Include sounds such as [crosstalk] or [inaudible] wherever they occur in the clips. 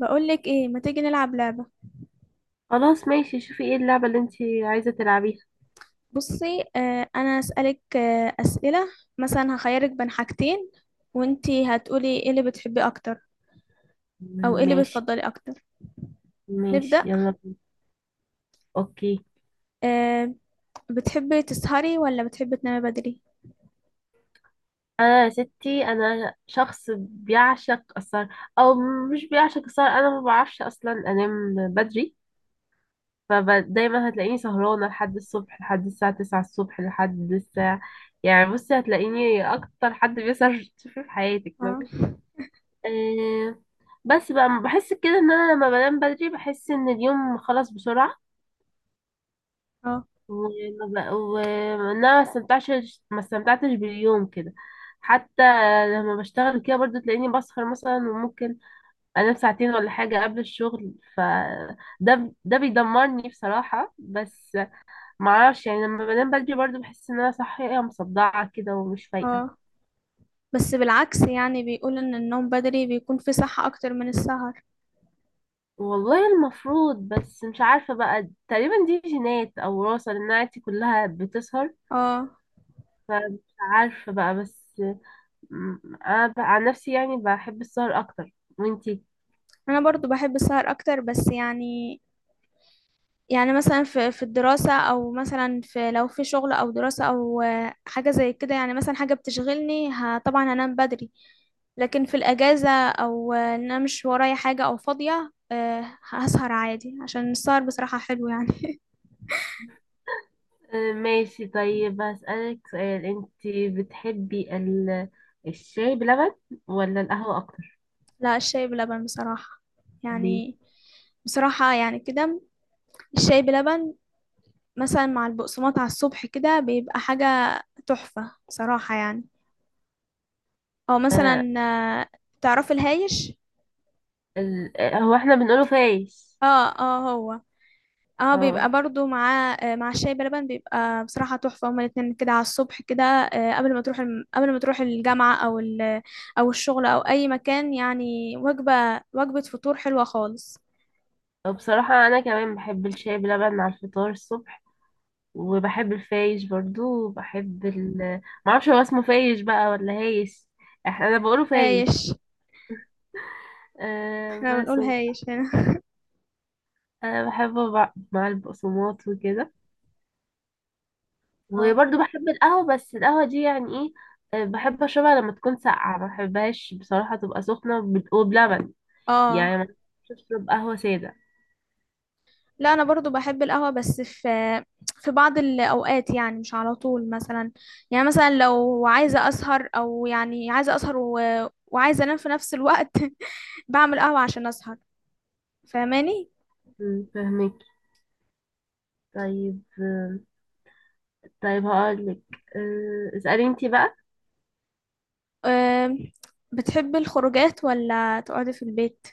بقولك ايه، ما تيجي نلعب لعبة. خلاص، ماشي. شوفي ايه اللعبة اللي انتي عايزة تلعبيها؟ بصي، انا اسألك اسئلة. مثلا هخيرك بين حاجتين، وانتي هتقولي ايه اللي بتحبي اكتر او ايه اللي ماشي، بتفضلي اكتر. ماشي، نبدأ. يلا بينا. اوكي. آه بتحبي تسهري ولا بتحبي تنامي بدري؟ انا، يا ستي، انا شخص بيعشق السهر. او، مش بيعشق السهر، انا ما بعرفش اصلا انام بدري. فدايما هتلاقيني سهرانة لحد الصبح، لحد الساعة 9 الصبح، لحد الساعة... يعني، بصي، هتلاقيني اكتر حد بيسهر [laughs] تشوفيه في حياتك اه، مثلا. أه، بس بقى بحس كده ان انا لما بنام بدري بحس ان اليوم خلص بسرعة. اه، وانا ما استمتعتش باليوم كده. حتى لما بشتغل كده برضو تلاقيني بسهر مثلا، وممكن انام ساعتين ولا حاجة قبل الشغل، ف ده بيدمرني بصراحة. بس معرفش، يعني لما بنام بدري برضو بحس ان انا صحية مصدعة كده ومش فايقة. اه. بس بالعكس، يعني بيقول ان النوم بدري بيكون فيه صحة اكتر من السهر. والله المفروض، بس مش عارفة بقى، تقريبا دي جينات او وراثة لان عيلتي كلها بتسهر. اه، فمش عارفة بقى. بس مم، انا عن نفسي يعني بحب السهر اكتر. وانتي؟ انا برضو بحب السهر اكتر، بس يعني مثلا في الدراسة او مثلا في لو في شغل او دراسة او حاجة زي كده، يعني مثلا حاجة طبعا هنام بدري. لكن في الاجازة او ان انا مش ورايا حاجة او فاضية، هسهر عادي عشان السهر بصراحة حلو يعني. ماشي. طيب هسألك سؤال انت. بتحبي الشاي بلبن ولا القهوة اكتر؟ [laughs] لا، الشاي بلبن بصراحة. ليه؟ يعني، بصراحة يعني كده، الشاي بلبن مثلا مع البقسماط على الصبح كده بيبقى حاجة تحفة صراحة يعني. او آه، مثلا، آه، تعرفي الهايش؟ ال... آه، هو احنا بنقوله فايش. اه اه، هو. اه بيبقى اه. برضو مع الشاي بلبن بيبقى بصراحة تحفة. هما الاتنين كده على الصبح كده، قبل ما تروح الجامعة او الشغل او اي مكان. يعني وجبة، وجبة فطور حلوة خالص. بصراحة انا كمان بحب الشاي بلبن على الفطار الصبح، وبحب الفايش برضو، وبحب معرفش هو اسمه فايش بقى ولا هايش. انا بقوله فايش. هايش، أه، احنا بس. بنقول هايش هنا. أه، بحبه مع البقسماط وكده. اه، وبرضه بحب القهوة، بس القهوة دي يعني ايه، بحب اشربها لما تكون ساقعة، ما بحبهاش بصراحة تبقى سخنة وبلبن. يعني اه. ما بحبش اشرب قهوة سادة. لا، انا برضو بحب القهوة، بس في بعض الاوقات، يعني مش على طول. مثلا يعني مثلا لو عايزة اسهر، او يعني وعايزة انام في نفس الوقت. [laughs] بعمل قهوة عشان اسهر. فاهماني؟ فهمك. طيب. طيب هقولك. اسألي انتي بقى. أم، بتحب الخروجات ولا تقعدي في البيت؟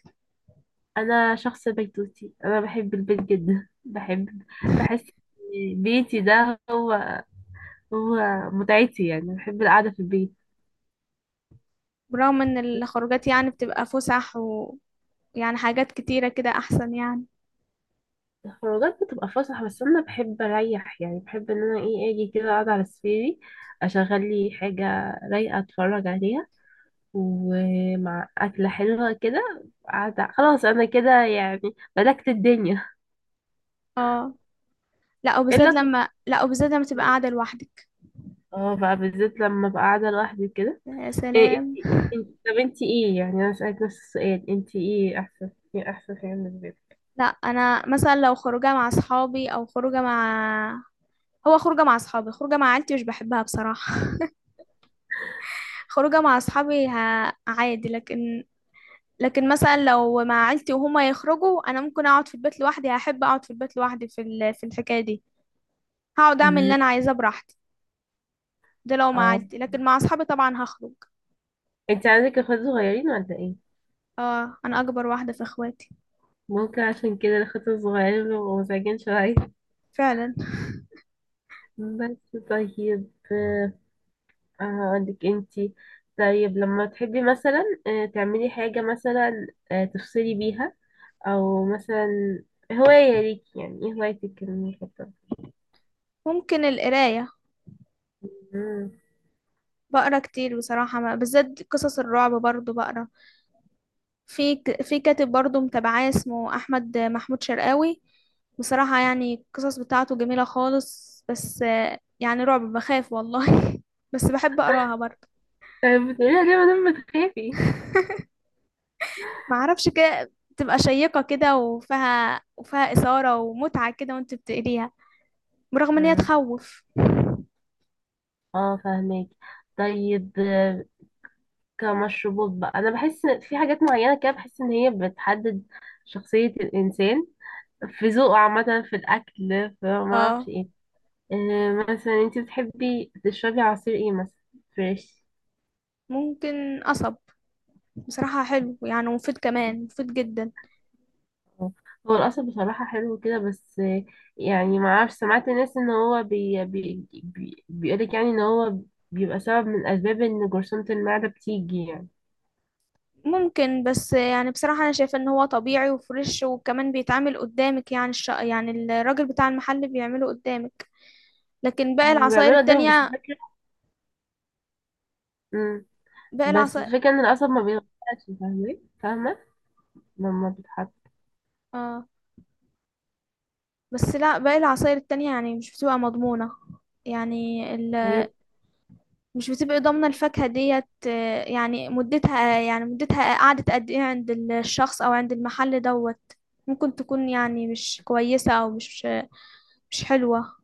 انا شخص بيتوتي، انا بحب البيت جدا [laughs] بحب. بحس إن بيتي ده هو متعتي، يعني بحب القعدة في البيت. برغم ان الخروجات يعني بتبقى فسح، ويعني حاجات كتيرة كده احسن يعني. الخروجات بتبقى فسح، بس انا بحب اريح، يعني بحب ان انا ايه اجي كده اقعد على سريري، اشغل لي حاجه رايقه اتفرج عليها، ومع اكله حلوه كده قاعده. خلاص، انا كده يعني ملكت الدنيا. اه. لا، وبالذات الا الترفيه. لما تبقى قاعدة لوحدك. اه، بقى بالذات لما ببقى قاعده لوحدي كده. يا إيه سلام. انتي؟ [laughs] طب انتي ايه؟ يعني انا اسالك نفس السؤال، انتي ايه احسن حاجه بالنسبه لك؟ لا، انا مثلا لو خروجه مع اصحابي، او خروجه مع هو خروجه مع اصحابي، خروجه مع عيلتي مش بحبها بصراحه. [laughs] خروجه مع اصحابي ه... عادي. لكن مثلا لو مع عيلتي وهما يخرجوا، انا ممكن اقعد في البيت لوحدي. هحب اقعد في البيت لوحدي في الحكايه دي. هقعد اعمل اللي أمم، انا عايزاه براحتي. ده لو مع اه. عيلتي، لكن مع اصحابي طبعا هخرج. انت عندك اخوات صغيرين ولا ايه؟ اه، انا اكبر واحده في اخواتي. ممكن عشان كده الاخوات الصغيرين بيبقوا مزعجين شويه. فعلا. بس طيب. هقولك انتي. طيب لما تحبي مثلا تعملي حاجة مثلا، تفصلي بيها، او مثلا هواية ليكي، يعني ايه هوايتك المفضلة؟ ممكن القرايه. مم. بقرا كتير بصراحه، بالذات قصص الرعب برضو بقرا. في كاتب برضو متابعاه اسمه احمد محمود شرقاوي. بصراحة يعني القصص بتاعته جميلة خالص، بس يعني رعب، بخاف والله. [laughs] بس بحب اقراها برضه. طيب بتقوليها ليه مادام بتخافي؟ ما اعرفش، كده تبقى شيقة كده، وفيها إثارة ومتعة كده وانت بتقريها، برغم ان هي مم. تخوف. اه، فاهمك. طيب، كمشروبات بقى، انا بحس في حاجات معينة كده، بحس ان هي بتحدد شخصية الانسان في ذوقه، عامة، في الاكل، في ما اه، اعرفش ايه. مثلا انت بتحبي تشربي عصير ايه مثلا؟ فريش؟ ممكن قصب. بصراحة حلو يعني، مفيد، كمان مفيد جدا. هو القصب بصراحة حلو كده، بس يعني ما اعرفش، سمعت ناس ان هو بي بي بي بيقولك يعني ان هو بيبقى سبب من اسباب ان جرثومة المعدة بتيجي يعني. ممكن، بس يعني بصراحة أنا شايفة إن هو طبيعي وفريش وكمان بيتعمل قدامك، يعني يعني الراجل بتاع المحل بيعمله قدامك، لكن باقي العصاير وبيعملوا قدامك، بس التانية، الفكرة... مم. باقي بس العصاير، الفكرة ان القصب ما بيتغيرش، فاهمة، فاهمة لما بتحط. آه، بس لا، باقي العصاير التانية يعني مش بتبقى مضمونة. يعني ال... هي مش بتبقى ضامنة الفاكهة ديت، يعني مدتها قعدت قد إيه عند الشخص أو عند المحل دوت. ممكن تكون يعني مش كويسة أو مش حلوة.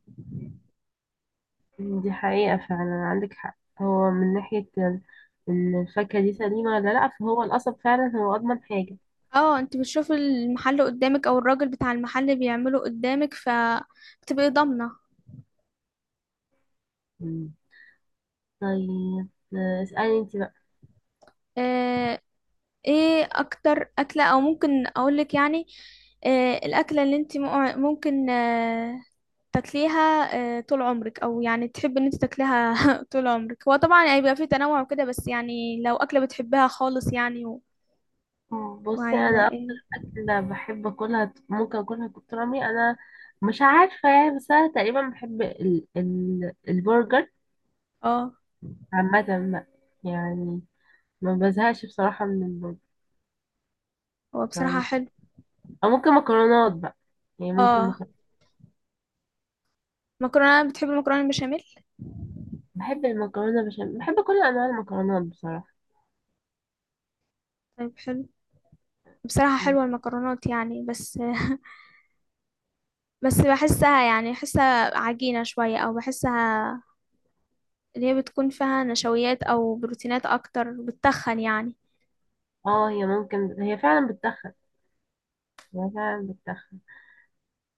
دي حقيقة فعلا، عندك حق. هو من ناحية ان الفاكهة دي سليمة ولا لأ، فهو القصب فعلا هو أضمن حاجة. اه، انت بتشوفي المحل قدامك او الراجل بتاع المحل بيعمله قدامك فبتبقي ضامنه. طيب اسألي انت بقى. آه، ايه اكتر اكله، او ممكن اقولك يعني الاكله اللي ممكن تاكليها طول عمرك، او يعني تحبي ان انت تاكليها [laughs] طول عمرك. هو طبعا هيبقى فيه تنوع وكده، بس يعني لو اكله بتحبها خالص يعني مم. بصي وعايزه انا ايه؟ اكتر اكلة بحب اكلها ممكن اكلها كتير عمري انا، مش عارفة يعني، بس انا تقريبا بحب ال البرجر اه، عامة بقى، يعني ما بزهقش بصراحة من البرجر. هو بصراحه فاهم؟ حلو. او ممكن مكرونات بقى، يعني ممكن اه، مكرونات. مكرونه، بتحبي المكرونه البشاميل؟ بحب المكرونة بشاميل، بحب كل انواع المكرونات بصراحة. طيب، حلو. بصراحة م. حلوة المكرونات يعني، بس بحسها يعني بحسها عجينة شوية، أو بحسها اللي هي بتكون فيها نشويات أو بروتينات أكتر، بتتخن يعني. اه، هي ممكن هي فعلا بتتخن، هي فعلا بتتخن.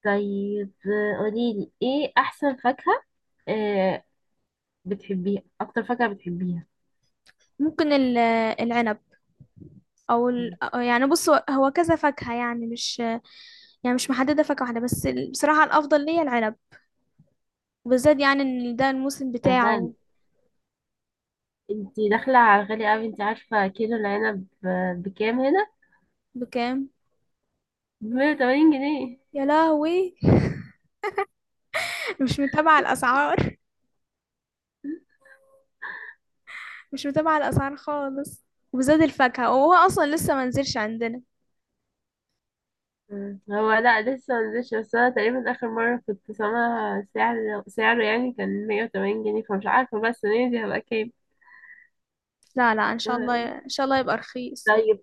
طيب قوليلي ايه احسن فاكهة، آه، بتحبيها اكتر فاكهة بتحبيها؟ ممكن العنب، يعني بص، هو هو كذا فاكهة يعني مش محددة فاكهة واحدة، بس بصراحة الأفضل ليا العنب، وبالذات يعني إن ده الموسم يعني ده بتاعه. انت داخلة على غالي قوي. انت عارفة كيلو العنب بكام هنا؟ بكام؟ ب 80 جنيه. يا لهوي. [laughs] مش متابعة الأسعار، مش متابعة الأسعار خالص، وبالذات الفاكهة، وهو أصلا لسه منزلش عندنا. مم. هو لا لسه منزلش، بس انا تقريبا اخر مرة كنت سامعة سعره يعني كان 180 جنيه، فمش عارفة بقى السنة دي هبقى كام. لا لا، إن شاء الله مم. إن شاء الله يبقى رخيص. طيب،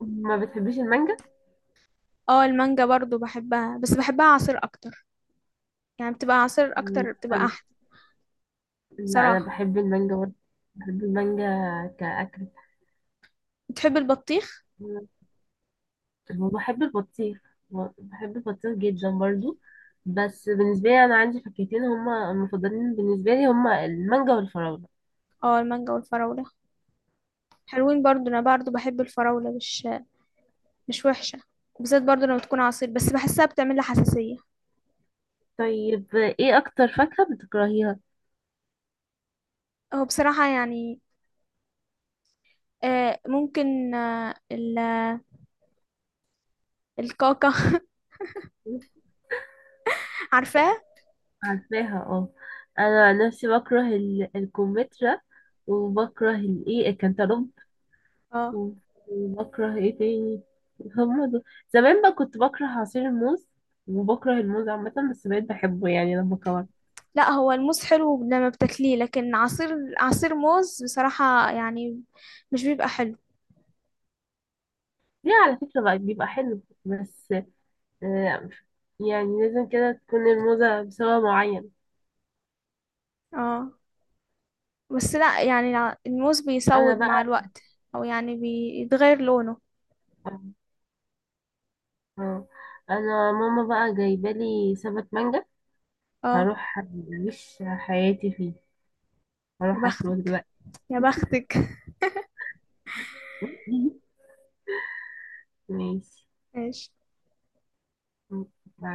ما بتحبيش المانجا؟ اه، المانجا برضو بحبها، بس بحبها عصير اكتر. يعني بتبقى عصير اكتر، مم. بتبقى احلى. لا، انا صراحة. بحب المانجا برضه، بحب المانجا كأكل. بتحب البطيخ؟ وبحب البطيخ، بحب البطيخ جدا برضو. بس بالنسبة لي أنا عندي فاكهتين هما المفضلين بالنسبة لي، هما المانجا والفراولة. اه، المانجا والفراولة حلوين برضو. انا برضو بحب الفراولة، مش وحشة. بالذات برضو لما تكون عصير، بس بحسها بتعمل لي حساسية. طيب ايه أكتر فاكهة بتكرهيها؟ هو بصراحة يعني ممكن الكاكا. [laughs] عارفاه؟ عارفاها، اه. أنا عن نفسي بكره الكمثرى، وبكره الكنتالوب، اه. و- وبكره ايه تاني؟ هما دول. زمان بقى كنت بكره عصير الموز، وبكره الموز عامة، بس بقيت بحبه يعني لما كبرت. لا، هو الموز حلو لما بتاكليه، لكن عصير موز بصراحة يعني مش بيبقى حلو. ليه؟ على فكرة بقى بيبقى حلو، بس آه، يعني لازم كده تكون الموزة بسبب معين. اه. بس لا، يعني الموز انا بيسود مع بقى، الوقت، او يعني بيتغير لونه. آه، انا ماما بقى جايبالي سبت مانجا، اه، هروح اعيش حياتي فيه، يا هروح اكله بختك، دلوقتي. يا بختك. [laughs] [laughs] ماشي. ماشي. مع